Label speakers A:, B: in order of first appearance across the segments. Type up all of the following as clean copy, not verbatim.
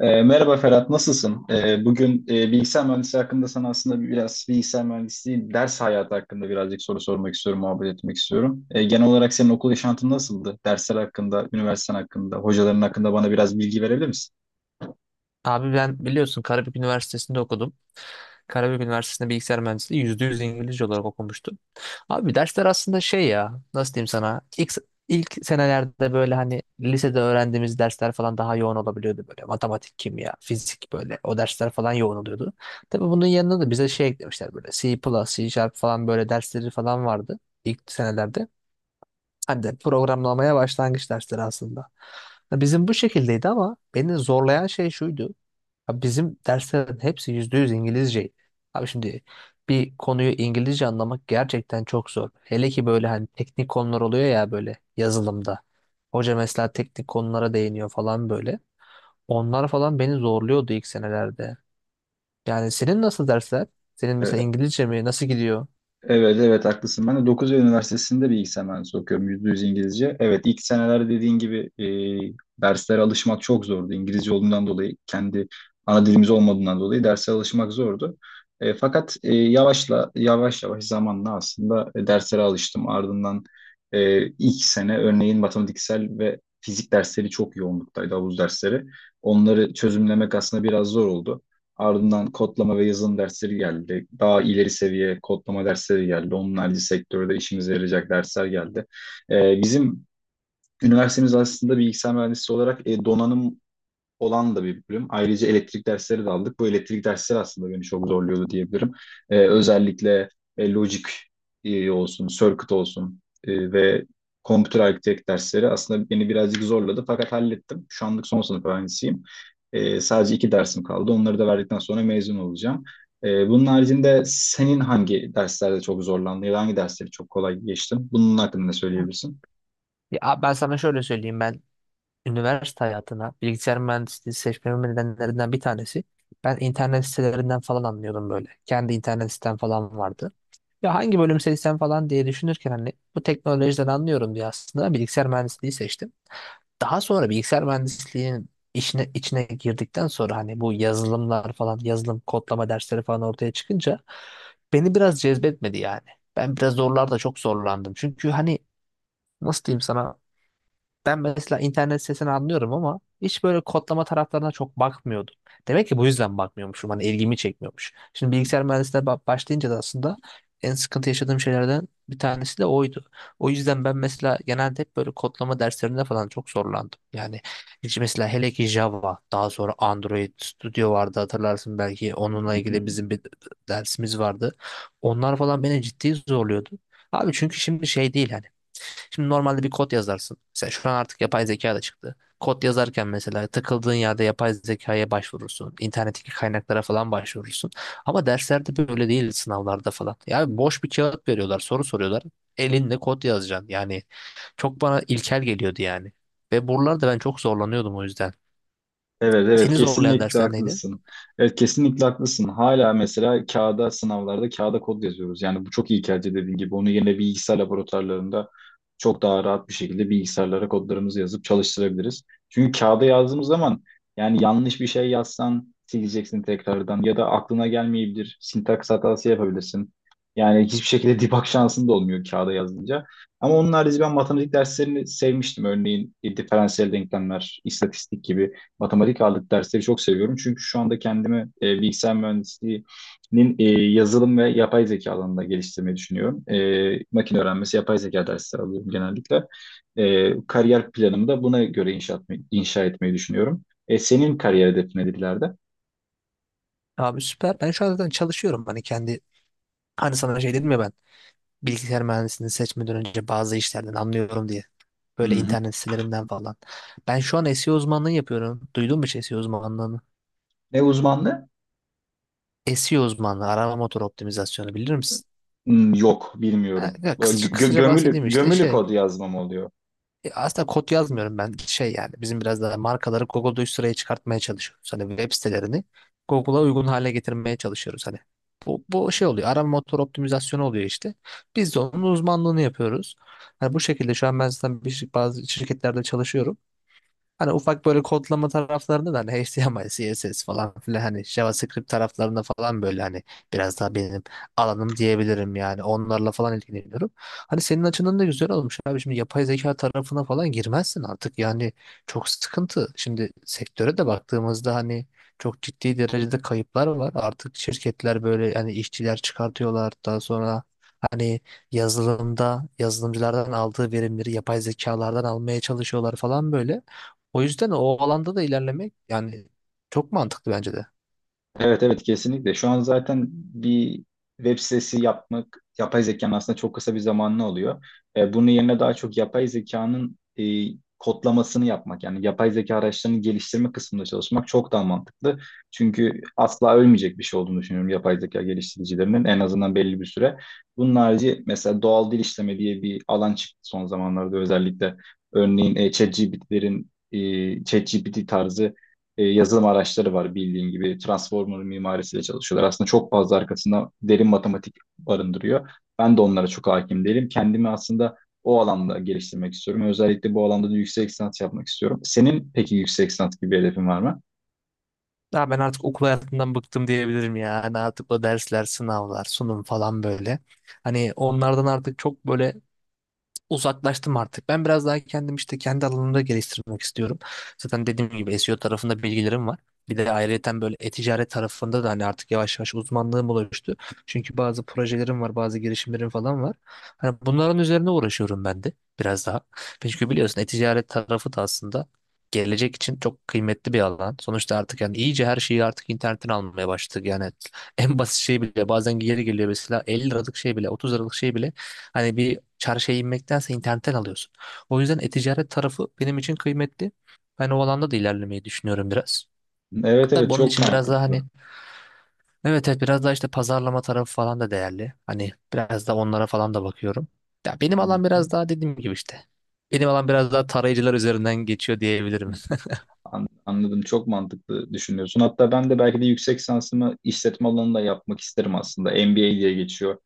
A: Merhaba Ferhat, nasılsın? Bugün bilgisayar mühendisliği hakkında sana aslında biraz bilgisayar mühendisliği ders hayatı hakkında birazcık soru sormak istiyorum, muhabbet etmek istiyorum. Genel olarak senin okul yaşantın nasıldı? Dersler hakkında, üniversiten hakkında, hocaların hakkında bana biraz bilgi verebilir misin?
B: Abi ben biliyorsun Karabük Üniversitesi'nde okudum. Karabük Üniversitesi'nde bilgisayar mühendisliği %100 İngilizce olarak okumuştum. Abi dersler aslında şey ya nasıl diyeyim sana ilk senelerde böyle hani lisede öğrendiğimiz dersler falan daha yoğun olabiliyordu böyle matematik, kimya, fizik böyle o dersler falan yoğun oluyordu. Tabii bunun yanında da bize şey eklemişler böyle C++, C Sharp falan böyle dersleri falan vardı ilk senelerde. Hani de programlamaya başlangıç dersleri aslında. Ya bizim bu şekildeydi ama beni zorlayan şey şuydu. Ya bizim derslerin hepsi %100 İngilizceydi. Abi şimdi bir konuyu İngilizce anlamak gerçekten çok zor. Hele ki böyle hani teknik konular oluyor ya böyle yazılımda. Hoca mesela teknik konulara değiniyor falan böyle. Onlar falan beni zorluyordu ilk senelerde. Yani senin nasıl dersler? Senin mesela
A: E,
B: İngilizce mi? Nasıl gidiyor?
A: Evet evet, haklısın. Ben de Dokuz Eylül Üniversitesi'nde bilgisayar mühendisliği okuyorum. %100 İngilizce. Evet, ilk seneler dediğin gibi derslere alışmak çok zordu. İngilizce olduğundan dolayı, kendi ana dilimiz olmadığından dolayı derslere alışmak zordu. Fakat yavaş yavaş zamanla aslında derslere alıştım. Ardından ilk sene örneğin matematiksel ve fizik dersleri çok yoğunluktaydı, havuz dersleri. Onları çözümlemek aslında biraz zor oldu. Ardından kodlama ve yazılım dersleri geldi. Daha ileri seviye kodlama dersleri geldi. Onun harici sektörde işimize yarayacak dersler geldi. Bizim üniversitemiz aslında bilgisayar mühendisliği olarak donanım olan da bir bölüm. Ayrıca elektrik dersleri de aldık. Bu elektrik dersleri aslında beni çok zorluyordu diyebilirim. Özellikle logic olsun, circuit olsun ve computer architect dersleri aslında beni birazcık zorladı, fakat hallettim. Şu anlık son sınıf öğrencisiyim. Sadece iki dersim kaldı. Onları da verdikten sonra mezun olacağım. Bunun haricinde senin hangi derslerde çok zorlandın ya da hangi dersleri çok kolay geçtin? Bunun hakkında ne söyleyebilirsin?
B: Ya ben sana şöyle söyleyeyim, ben üniversite hayatına bilgisayar mühendisliği seçmemin nedenlerinden bir tanesi. Ben internet sitelerinden falan anlıyordum böyle. Kendi internet sitem falan vardı. Ya hangi bölüm seçsem falan diye düşünürken hani bu teknolojiden anlıyorum diye aslında bilgisayar mühendisliği seçtim. Daha sonra bilgisayar mühendisliğinin işine, içine girdikten sonra hani bu yazılımlar falan yazılım kodlama dersleri falan ortaya çıkınca beni biraz cezbetmedi yani. Ben biraz zorlarda çok zorlandım. Çünkü hani nasıl diyeyim sana, ben mesela internet sesini anlıyorum ama hiç böyle kodlama taraflarına çok bakmıyordum. Demek ki bu yüzden bakmıyormuşum. Hani ilgimi çekmiyormuş. Şimdi bilgisayar mühendisliğine başlayınca da aslında en sıkıntı yaşadığım şeylerden bir tanesi de oydu. O yüzden ben mesela genelde hep böyle kodlama derslerinde falan çok zorlandım. Yani hiç mesela hele ki Java, daha sonra Android Studio vardı hatırlarsın, belki
A: Hı
B: onunla
A: hı.
B: ilgili bizim bir dersimiz vardı. Onlar falan beni ciddi zorluyordu. Abi çünkü şimdi şey değil hani, şimdi normalde bir kod yazarsın. Mesela şu an artık yapay zeka da çıktı. Kod yazarken mesela takıldığın yerde yapay zekaya başvurursun. İnternetteki kaynaklara falan başvurursun. Ama derslerde böyle değil, sınavlarda falan. Yani boş bir kağıt veriyorlar, soru soruyorlar. Elinde kod yazacaksın. Yani çok bana ilkel geliyordu yani. Ve buralarda ben çok zorlanıyordum o yüzden.
A: Evet evet,
B: Seni zorlayan
A: kesinlikle
B: dersler neydi?
A: haklısın. Evet, kesinlikle haklısın. Hala mesela kağıda, sınavlarda kağıda kod yazıyoruz. Yani bu çok iyi, kelce dediğin gibi. Onu yine bilgisayar laboratuvarlarında çok daha rahat bir şekilde bilgisayarlara kodlarımızı yazıp çalıştırabiliriz. Çünkü kağıda yazdığımız zaman, yani yanlış bir şey yazsan sileceksin tekrardan ya da aklına gelmeyebilir. Sintaks hatası yapabilirsin. Yani hiçbir şekilde debug şansın da olmuyor kağıda yazınca. Ama onun harici ben matematik derslerini sevmiştim. Örneğin diferansiyel denklemler, istatistik gibi matematik ağırlıklı dersleri çok seviyorum. Çünkü şu anda kendimi bilgisayar mühendisliğinin yazılım ve yapay zeka alanında geliştirmeyi düşünüyorum. Makine öğrenmesi, yapay zeka dersleri alıyorum genellikle. Kariyer planımı da buna göre inşa etmeyi düşünüyorum. Senin kariyer hedefin nedir ileride?
B: Abi süper. Ben şu an zaten çalışıyorum. Hani kendi, hani sana şey dedim ya ben, bilgisayar mühendisliğini seçmeden önce bazı işlerden anlıyorum diye.
A: Hı
B: Böyle
A: hı.
B: internet sitelerinden falan. Ben şu an SEO uzmanlığı yapıyorum. Duydun mu hiç SEO uzmanlığını?
A: Ne uzmanlığı?
B: SEO uzmanlığı, arama motoru optimizasyonu bilir misin?
A: Hmm, yok,
B: Ha,
A: bilmiyorum.
B: ya kısaca, kısaca bahsedeyim işte
A: Gömülü
B: şey,
A: kod yazmam oluyor.
B: Aslında kod yazmıyorum ben, şey yani bizim biraz daha markaları Google'da üst sıraya çıkartmaya çalışıyoruz. Hani web sitelerini Google'a uygun hale getirmeye çalışıyoruz. Hani bu şey oluyor, arama motor optimizasyonu oluyor işte. Biz de onun uzmanlığını yapıyoruz. Hani bu şekilde şu an ben zaten bazı şirketlerde çalışıyorum. Hani ufak böyle kodlama taraflarında da hani HTML, CSS falan filan hani JavaScript taraflarında falan böyle hani biraz daha benim alanım diyebilirim yani, onlarla falan ilgileniyorum. Hani senin açından da güzel olmuş abi, şimdi yapay zeka tarafına falan girmezsin artık yani, çok sıkıntı. Şimdi sektöre de baktığımızda hani çok ciddi derecede kayıplar var. Artık şirketler böyle yani işçiler çıkartıyorlar, daha sonra hani yazılımda yazılımcılardan aldığı verimleri yapay zekalardan almaya çalışıyorlar falan böyle. O yüzden o alanda da ilerlemek yani çok mantıklı bence de.
A: Evet evet, kesinlikle. Şu an zaten bir web sitesi yapmak yapay zekanın aslında çok kısa bir zamanlı oluyor. Bunun yerine daha çok yapay zekanın kodlamasını yapmak, yani yapay zeka araçlarını geliştirme kısmında çalışmak çok daha mantıklı. Çünkü asla ölmeyecek bir şey olduğunu düşünüyorum yapay zeka geliştiricilerinin, en azından belli bir süre. Bunun harici mesela doğal dil işleme diye bir alan çıktı son zamanlarda özellikle. Örneğin ChatGPT'lerin, ChatGPT tarzı yazılım araçları var bildiğin gibi. Transformer mimarisiyle çalışıyorlar. Aslında çok fazla arkasında derin matematik barındırıyor. Ben de onlara çok hakim değilim. Kendimi aslında o alanda geliştirmek istiyorum. Özellikle bu alanda da yüksek lisans yapmak istiyorum. Senin peki yüksek lisans gibi bir hedefin var mı?
B: Ya ben artık okul hayatından bıktım diyebilirim ya. Hani artık o dersler, sınavlar, sunum falan böyle. Hani onlardan artık çok böyle uzaklaştım artık. Ben biraz daha kendim işte kendi alanımda geliştirmek istiyorum. Zaten dediğim gibi SEO tarafında bilgilerim var. Bir de ayrıyeten böyle e-ticaret tarafında da hani artık yavaş yavaş uzmanlığım oluştu. Çünkü bazı projelerim var, bazı girişimlerim falan var. Hani bunların üzerine uğraşıyorum ben de biraz daha. Çünkü biliyorsun e-ticaret tarafı da aslında gelecek için çok kıymetli bir alan. Sonuçta artık yani iyice her şeyi artık internetten almaya başladık. Yani en basit şey bile bazen geri geliyor, mesela 50 liralık şey bile, 30 liralık şey bile. Hani bir Çarşıya inmektense internetten alıyorsun. O yüzden e-ticaret tarafı benim için kıymetli. Ben o alanda da ilerlemeyi düşünüyorum biraz.
A: Evet evet,
B: Tabii onun
A: çok
B: için biraz daha hani,
A: mantıklı.
B: evet evet, biraz daha işte pazarlama tarafı falan da değerli. Hani biraz da onlara falan da bakıyorum. Ya benim alan
A: Hı
B: biraz daha dediğim gibi işte. Benim alan biraz daha tarayıcılar üzerinden geçiyor diyebilirim.
A: hı. Anladım. Çok mantıklı düşünüyorsun. Hatta ben de belki de yüksek lisansımı işletme alanında yapmak isterim aslında. MBA diye geçiyor.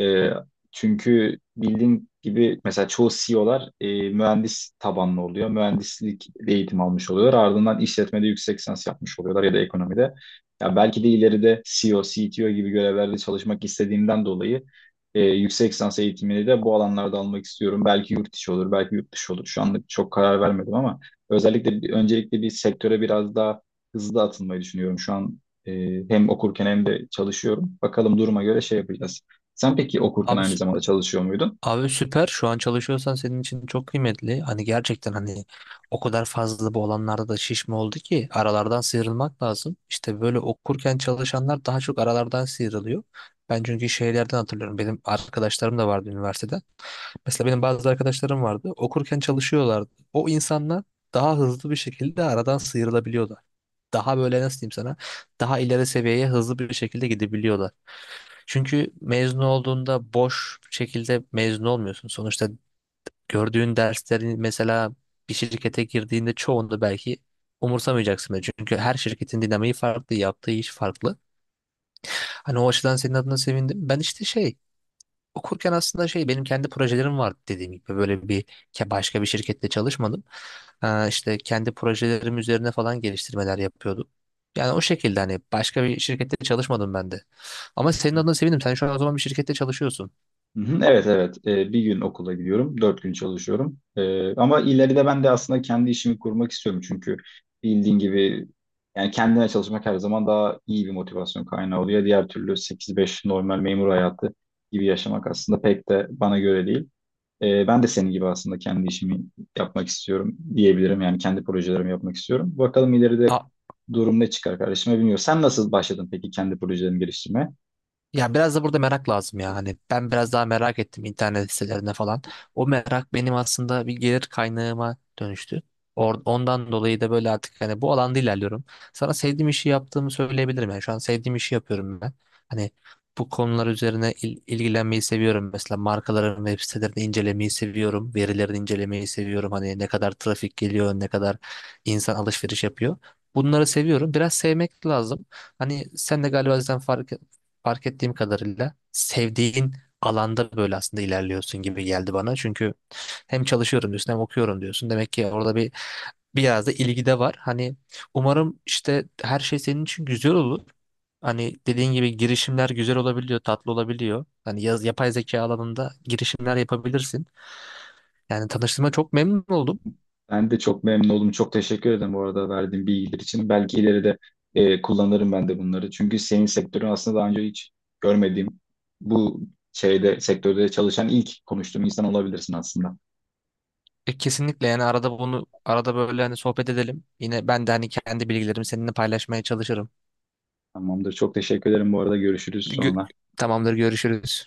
A: Ee, Çünkü bildiğin gibi mesela çoğu CEO'lar O'lar mühendis tabanlı oluyor. Mühendislik eğitim almış oluyorlar. Ardından işletmede yüksek lisans yapmış oluyorlar ya da ekonomide. Ya belki de ileride CEO, CTO gibi görevlerde çalışmak istediğimden dolayı yüksek lisans eğitimini de bu alanlarda almak istiyorum. Belki yurt içi olur, belki yurt dışı olur. Şu anlık çok karar vermedim ama özellikle öncelikle bir sektöre biraz daha hızlı atılmayı düşünüyorum. Şu an e, hem okurken hem de çalışıyorum. Bakalım duruma göre şey yapacağız. Sen peki okurken
B: Abi,
A: aynı zamanda çalışıyor muydun?
B: abi süper. Şu an çalışıyorsan senin için çok kıymetli. Hani gerçekten hani o kadar fazla bu olanlarda da şişme oldu ki aralardan sıyrılmak lazım. İşte böyle okurken çalışanlar daha çok aralardan sıyrılıyor. Ben çünkü şeylerden hatırlıyorum. Benim arkadaşlarım da vardı üniversitede. Mesela benim bazı arkadaşlarım vardı. Okurken çalışıyorlardı. O insanlar daha hızlı bir şekilde aradan sıyrılabiliyordu, daha böyle nasıl diyeyim sana, daha ileri seviyeye hızlı bir şekilde gidebiliyorlar. Çünkü mezun olduğunda boş bir şekilde mezun olmuyorsun. Sonuçta gördüğün derslerin mesela bir şirkete girdiğinde çoğunda belki umursamayacaksın bile. Çünkü her şirketin dinamiği farklı, yaptığı iş farklı. Hani o açıdan senin adına sevindim. Ben işte şey, okurken aslında şey, benim kendi projelerim vardı dediğim gibi, böyle bir başka bir şirkette çalışmadım. İşte kendi projelerim üzerine falan geliştirmeler yapıyordum. Yani o şekilde hani başka bir şirkette çalışmadım ben de. Ama senin adına sevindim. Sen şu an o zaman bir şirkette çalışıyorsun.
A: Hı hı. Evet evet. Bir gün okula gidiyorum, 4 gün çalışıyorum. Ama ileride ben de aslında kendi işimi kurmak istiyorum, çünkü bildiğin gibi, yani kendine çalışmak her zaman daha iyi bir motivasyon kaynağı oluyor. Diğer türlü 8-5 normal memur hayatı gibi yaşamak aslında pek de bana göre değil. Ben de senin gibi aslında kendi işimi yapmak istiyorum diyebilirim. Yani kendi projelerimi yapmak istiyorum. Bakalım ileride
B: A-
A: durum ne çıkar kardeşime, bilmiyorum. Sen nasıl başladın peki kendi projelerini geliştirmeye?
B: Ya biraz da burada merak lazım ya. Hani ben biraz daha merak ettim internet sitelerine falan. O merak benim aslında bir gelir kaynağıma dönüştü. Ondan dolayı da böyle artık hani bu alanda ilerliyorum. Sana sevdiğim işi yaptığımı söyleyebilirim yani. Şu an sevdiğim işi yapıyorum ben. Hani bu konular üzerine ilgilenmeyi seviyorum. Mesela markaların web sitelerini incelemeyi seviyorum. Verilerini incelemeyi seviyorum. Hani ne kadar trafik geliyor, ne kadar insan alışveriş yapıyor. Bunları seviyorum. Biraz sevmek lazım. Hani sen de galiba zaten fark ettiğim kadarıyla sevdiğin alanda böyle aslında ilerliyorsun gibi geldi bana. Çünkü hem çalışıyorum diyorsun hem okuyorum diyorsun. Demek ki orada bir biraz da ilgi de var. Hani umarım işte her şey senin için güzel olur. Hani dediğin gibi girişimler güzel olabiliyor, tatlı olabiliyor. Hani yapay zeka alanında girişimler yapabilirsin. Yani tanıştığıma çok memnun oldum.
A: Ben de çok memnun oldum. Çok teşekkür ederim bu arada verdiğin bilgiler için. Belki ileride kullanırım ben de bunları. Çünkü senin sektörün aslında daha önce hiç görmediğim, bu şeyde, sektörde çalışan ilk konuştuğum insan olabilirsin aslında.
B: Kesinlikle yani arada bunu arada böyle hani sohbet edelim. Yine ben de hani kendi bilgilerimi seninle paylaşmaya çalışırım.
A: Tamamdır. Çok teşekkür ederim bu arada. Görüşürüz
B: Gö-
A: sonra.
B: Tamamdır, görüşürüz.